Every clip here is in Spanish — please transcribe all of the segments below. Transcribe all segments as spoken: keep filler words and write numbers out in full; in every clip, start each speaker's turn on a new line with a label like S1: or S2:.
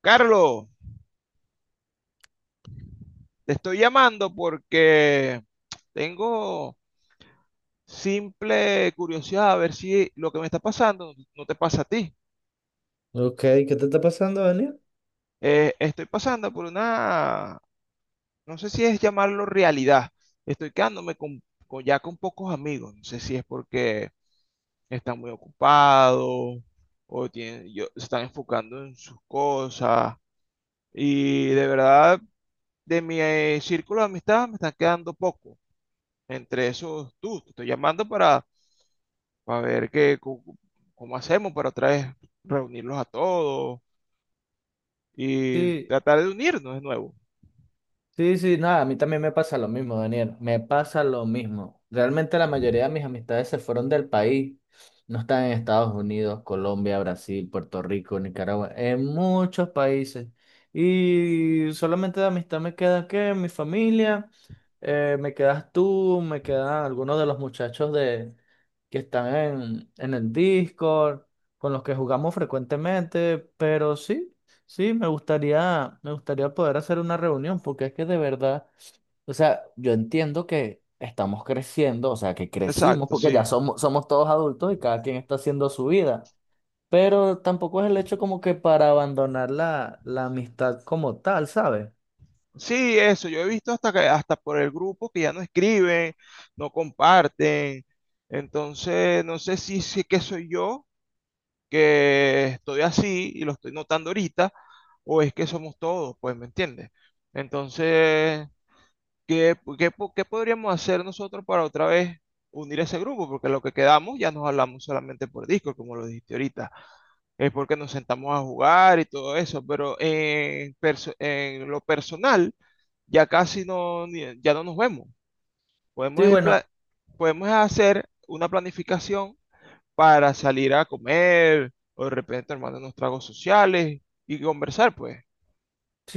S1: Carlos, te estoy llamando porque tengo simple curiosidad a ver si lo que me está pasando no te pasa a ti.
S2: Ok, ¿qué te está pasando, Daniel?
S1: Eh, estoy pasando por una, no sé si es llamarlo realidad. Estoy quedándome con, con- ya con pocos amigos. No sé si es porque están muy ocupados o tienen, yo- se están enfocando en sus cosas. Y de verdad, de mi eh, círculo de amistad me están quedando poco. Entre esos, tú, te estoy llamando para para ver qué, cu- cómo hacemos para otra vez reunirlos a todos y
S2: Sí,
S1: tratar de unirnos de nuevo.
S2: sí, sí, nada, a mí también me pasa lo mismo, Daniel, me pasa lo mismo. Realmente la mayoría de mis amistades se fueron del país, no están en Estados Unidos, Colombia, Brasil, Puerto Rico, Nicaragua, en muchos países. Y solamente de amistad me queda que mi familia, eh, me quedas tú, me quedan algunos de los muchachos de, que están en, en el Discord, con los que jugamos frecuentemente, pero sí. Sí, me gustaría, me gustaría poder hacer una reunión, porque es que de verdad, o sea, yo entiendo que estamos creciendo, o sea, que crecimos,
S1: Exacto,
S2: porque ya
S1: sí.
S2: somos, somos todos adultos y cada quien está haciendo su vida, pero tampoco es el hecho como que para abandonar la, la amistad como tal, ¿sabes?
S1: Sí, eso, yo he visto hasta que, hasta por el grupo que ya no escriben, no comparten. Entonces, no sé si, si es que soy yo que estoy así y lo estoy notando ahorita, o es que somos todos, pues, ¿me entiendes? Entonces, ¿Qué, qué po- qué podríamos hacer nosotros para otra vez unir ese grupo? Porque lo que quedamos ya nos hablamos solamente por Discord, como lo dijiste ahorita. Es porque nos sentamos a jugar y todo eso, pero en, perso- en lo personal ya casi no, ni- ya no nos vemos. Podemos,
S2: Sí,
S1: es
S2: bueno,
S1: pla- podemos hacer una planificación para salir a comer o de repente armar unos tragos sociales y conversar, pues.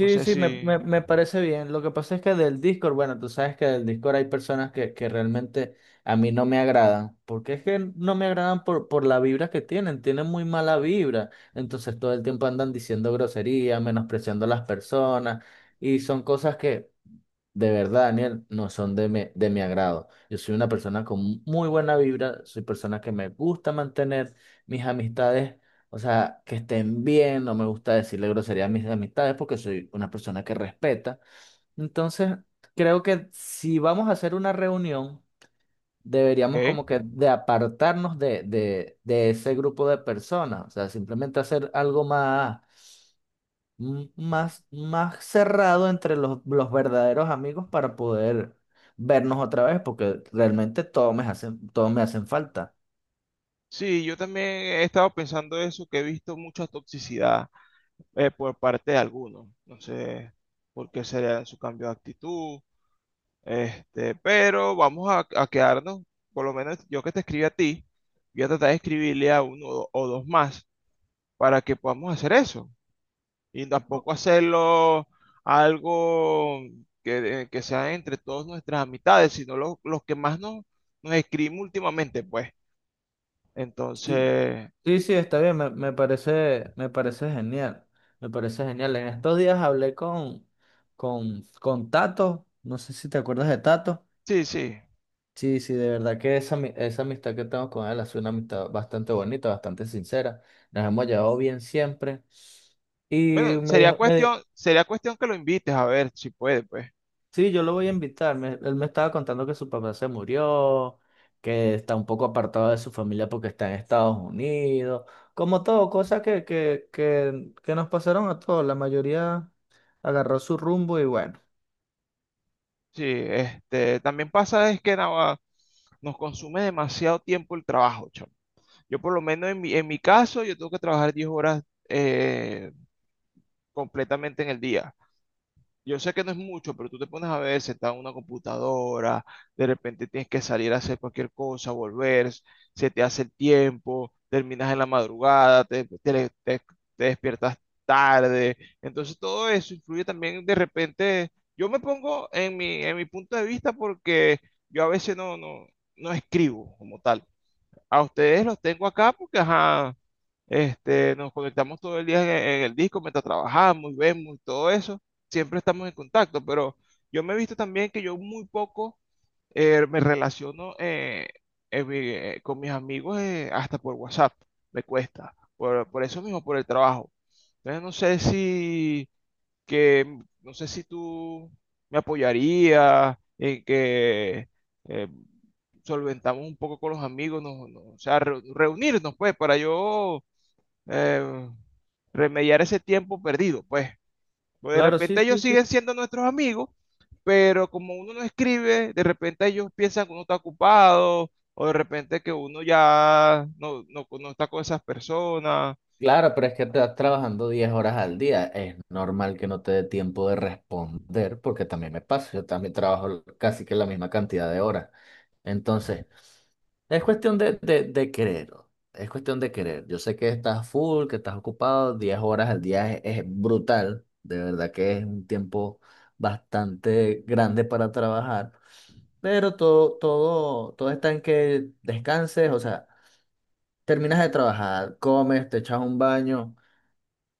S1: No sé
S2: sí, me,
S1: si.
S2: me, me parece bien. Lo que pasa es que del Discord, bueno, tú sabes que del Discord hay personas que, que realmente a mí no me agradan, porque es que no me agradan por, por la vibra que tienen, tienen muy mala vibra, entonces todo el tiempo andan diciendo groserías, menospreciando a las personas, y son cosas que de verdad, Daniel, no son de mi, de mi agrado. Yo soy una persona con muy buena vibra, soy persona que me gusta mantener mis amistades, o sea, que estén bien, no me gusta decirle grosería a mis amistades porque soy una persona que respeta. Entonces, creo que si vamos a hacer una reunión, deberíamos
S1: Ok.
S2: como que de apartarnos de, de, de ese grupo de personas, o sea, simplemente hacer algo más m- más, más cerrado entre los, los verdaderos amigos para poder vernos otra vez, porque realmente todos me hacen, todos me hacen falta.
S1: Sí, yo también he estado pensando eso, que he visto mucha toxicidad eh, por parte de algunos. No sé por qué sería su cambio de actitud, este, pero vamos a, a quedarnos, por lo menos yo que te escribí a ti, voy a tratar de escribirle a uno o o dos más para que podamos hacer eso. Y tampoco hacerlo algo que, que sea entre todas nuestras amistades, sino lo- los que más nos, nos escribimos últimamente, pues.
S2: Sí,
S1: Entonces,
S2: sí, sí, está bien, me, me parece, me parece genial, me parece genial. En estos días hablé con, con, con Tato, no sé si te acuerdas de Tato.
S1: sí, sí.
S2: Sí, sí, de verdad que esa, ami- esa amistad que tengo con él ha sido una amistad bastante bonita, bastante sincera. Nos hemos llevado bien siempre. Y
S1: Bueno,
S2: me
S1: sería
S2: dijo, me,
S1: cuestión, sería cuestión que lo invites a ver si puede, pues.
S2: sí, yo lo voy a invitar. Me- él me estaba contando que su papá se murió, que está un poco apartado de su familia porque está en Estados Unidos. Como todo, cosas que, que, que, que nos pasaron a todos. La mayoría agarró su rumbo y bueno.
S1: Sí, este, también pasa es que nada, nos consume demasiado tiempo el trabajo, chamo. Yo por lo menos en mi, en mi caso, yo tengo que trabajar diez horas eh, completamente en el día. Yo sé que no es mucho, pero tú te pones a ver sentado en una computadora, de repente tienes que salir a hacer cualquier cosa, volver, se te hace el tiempo, terminas en la madrugada, te, te- te- te despiertas tarde. Entonces todo eso influye también de repente. Yo me pongo en mi, en mi punto de vista porque yo a veces no, no, no escribo como tal. A ustedes los tengo acá porque, ajá, este, nos conectamos todo el día en, en el disco mientras trabajamos y vemos y todo eso. Siempre estamos en contacto, pero yo me he visto también que yo muy poco eh, me relaciono eh, en mi- eh, con mis amigos eh, hasta por WhatsApp. Me cuesta. Por, por eso mismo, por el trabajo. Entonces no sé si que no sé si tú me apoyarías en que eh, solventamos un poco con los amigos, nos- nos- o sea, reu- reunirnos pues para yo eh, remediar ese tiempo perdido, pues. Pues de
S2: Claro, sí,
S1: repente ellos
S2: sí,
S1: siguen
S2: sí.
S1: siendo nuestros amigos, pero como uno no escribe, de repente ellos piensan que uno está ocupado, o de repente que uno ya no, no, no está con esas personas.
S2: Claro, pero es que estás trabajando diez horas al día. Es normal que no te dé tiempo de responder, porque también me pasa. Yo también trabajo casi que la misma cantidad de horas. Entonces, es cuestión de, de, de querer, ¿no? Es cuestión de querer. Yo sé que estás full, que estás ocupado. Diez horas al día es, es brutal. De verdad que es un tiempo bastante grande para trabajar. Pero todo, todo, todo está en que descanses. O sea, terminas de trabajar, comes, te echas un baño,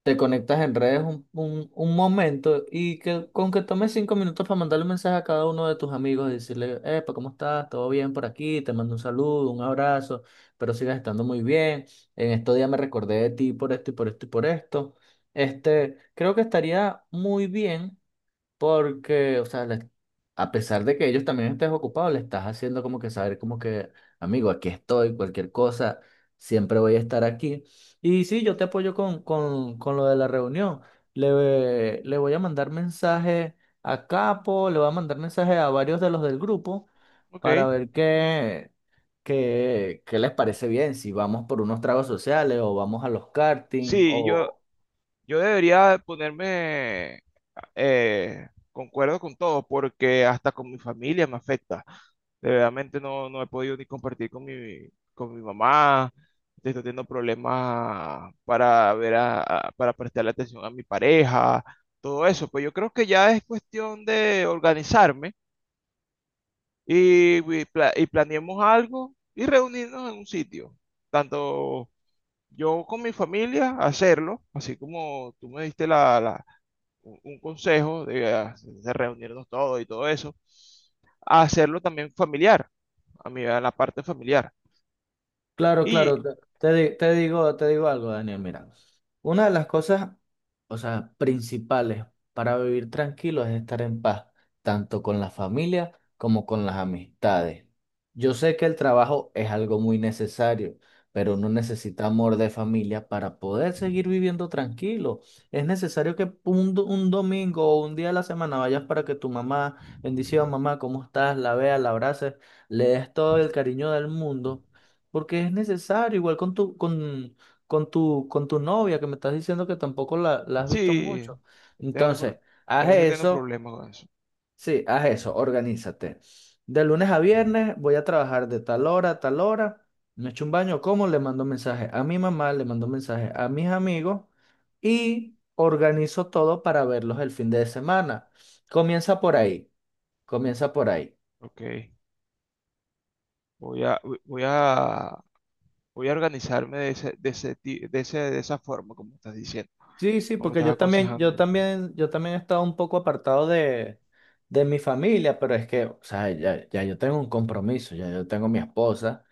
S2: te conectas en redes un, un, un momento, y que con que tomes cinco minutos para mandarle un mensaje a cada uno de tus amigos y decirle, Epa, ¿cómo estás? ¿Todo bien por aquí? Te mando un saludo, un abrazo, pero sigas estando muy bien. En estos días me recordé de ti por esto y por esto y por esto. Este, creo que estaría muy bien porque, o sea, le- a pesar de que ellos también estés ocupados, le estás haciendo como que saber como que, amigo, aquí estoy, cualquier cosa, siempre voy a estar aquí. Y sí, yo te apoyo con, con, con lo de la reunión. Le, le voy a mandar mensaje a Capo, le voy a mandar mensaje a varios de los del grupo para
S1: Ok.
S2: ver qué, qué, qué les parece bien, si vamos por unos tragos sociales o vamos a los karting
S1: Sí, yo,
S2: o
S1: yo debería ponerme. Eh, concuerdo con todo, porque hasta con mi familia me afecta. De Verdaderamente no, no he podido ni compartir con mi, con mi mamá. Estoy teniendo problemas para ver a, a- para prestarle atención a mi pareja, todo eso. Pues yo creo que ya es cuestión de organizarme y, y pla- y planeemos algo y reunirnos en un sitio. Tanto yo con mi familia, hacerlo, así como tú me diste la, la- un, un consejo de, ah, de reunirnos todos y todo eso, a hacerlo también familiar, a mí, a la parte familiar.
S2: claro,
S1: Y
S2: claro, te, te di- te digo, te digo algo, Daniel, mira, una de las cosas, o sea, principales para vivir tranquilo es estar en paz, tanto con la familia como con las amistades. Yo sé que el trabajo es algo muy necesario, pero uno necesita amor de familia para poder seguir viviendo tranquilo. Es necesario que un, do- un domingo o un día de la semana vayas para que tu mamá, bendición mamá, ¿cómo estás? La veas, la abraces, le des todo el cariño del mundo porque es necesario, igual con tu, con, con tu, con tu novia, que me estás diciendo que tampoco la, la has visto
S1: sí,
S2: mucho.
S1: tengo,
S2: Entonces,
S1: pro-
S2: haz
S1: tengo, sí tengo
S2: eso,
S1: problemas con eso.
S2: sí, haz eso, organízate. De lunes a viernes voy a trabajar de tal hora a tal hora. Me echo un baño, como, le mando mensaje a mi mamá, le mando mensaje a mis amigos y organizo todo para verlos el fin de semana. Comienza por ahí, comienza por ahí.
S1: Ok, voy a, voy voy a, voy a organizarme de ese, de ese, ti- de ese- de esa forma, como estás diciendo,
S2: Sí, sí,
S1: como me
S2: porque
S1: estás
S2: yo también, yo
S1: aconsejando.
S2: también, yo también he estado un poco apartado de, de mi familia, pero es que, o sea, ya, ya yo tengo un compromiso, ya yo tengo mi esposa,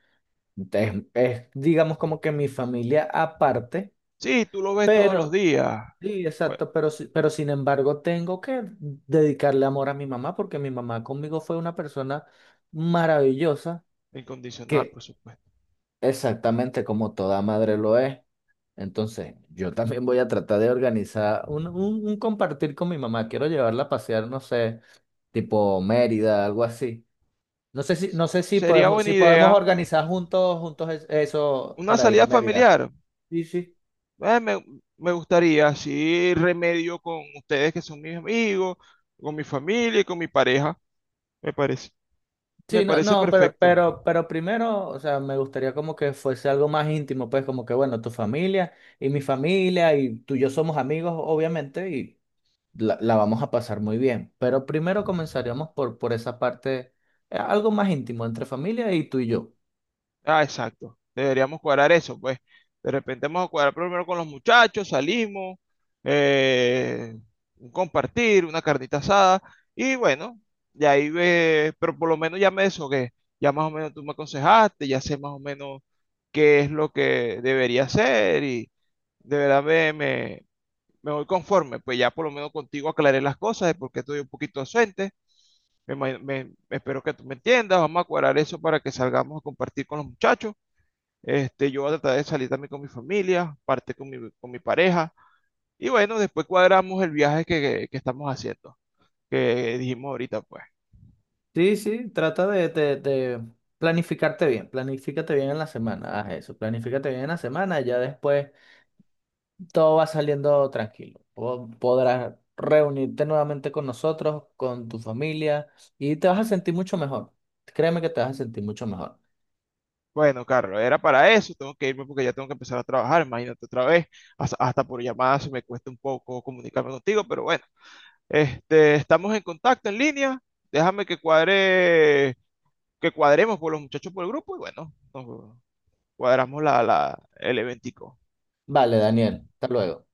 S2: entonces es, digamos, como que mi familia aparte,
S1: Sí, tú lo ves todos los
S2: pero,
S1: días.
S2: sí,
S1: Bueno,
S2: exacto, pero, si- pero sin embargo tengo que dedicarle amor a mi mamá, porque mi mamá conmigo fue una persona maravillosa,
S1: incondicional, por
S2: que
S1: supuesto.
S2: exactamente como toda madre lo es. Entonces, yo también voy a tratar de organizar un, un- un compartir con mi mamá. Quiero llevarla a pasear, no sé, tipo Mérida, algo así. No sé si, no sé si
S1: Sería
S2: podemos,
S1: buena
S2: si podemos
S1: idea
S2: organizar juntos, juntos es- eso
S1: una
S2: para ir a
S1: salida
S2: Mérida.
S1: familiar.
S2: Sí, sí.
S1: Eh, me, me gustaría, así remedio con ustedes que son mis amigos, con mi familia y con mi pareja. Me parece, me
S2: Sí, no,
S1: parece
S2: no, pero,
S1: perfecto.
S2: pero, pero primero, o sea, me gustaría como que fuese algo más íntimo, pues como que, bueno, tu familia y mi familia y tú y yo somos amigos, obviamente, y la, la vamos a pasar muy bien. Pero primero comenzaríamos por, por esa parte, eh, algo más íntimo entre familia y tú y yo.
S1: Ah, exacto. Deberíamos cuadrar eso, pues. De repente vamos a cuadrar primero con los muchachos, salimos, eh, un compartir, una carnita asada. Y bueno, de ahí ve, pero por lo menos ya me deshogué. Ya más o menos tú me aconsejaste, ya sé más o menos qué es lo que debería hacer y de verdad me, me- me voy conforme, pues ya por lo menos contigo aclaré las cosas de por qué estoy un poquito ausente. Me, me- espero que tú me entiendas. Vamos a cuadrar eso para que salgamos a compartir con los muchachos. Este, yo voy a tratar de salir también con mi familia, parte con mi, con mi pareja. Y bueno, después cuadramos el viaje que, que- que estamos haciendo, que dijimos ahorita, pues.
S2: Sí, sí, trata de, de, de planificarte bien, planifícate bien en la semana, haz eso, planifícate bien en la semana, ya después todo va saliendo tranquilo. Po- Podrás reunirte nuevamente con nosotros, con tu familia y te vas a sentir mucho mejor. Créeme que te vas a sentir mucho mejor.
S1: Bueno, Carlos, era para eso. Tengo que irme porque ya tengo que empezar a trabajar. Imagínate otra vez. Hasta, hasta por llamadas me cuesta un poco comunicarme contigo, pero bueno, este, estamos en contacto en línea. Déjame que cuadre, que cuadremos por los muchachos por el grupo y bueno, nos cuadramos la, la, el eventico.
S2: Vale, Daniel, hasta luego.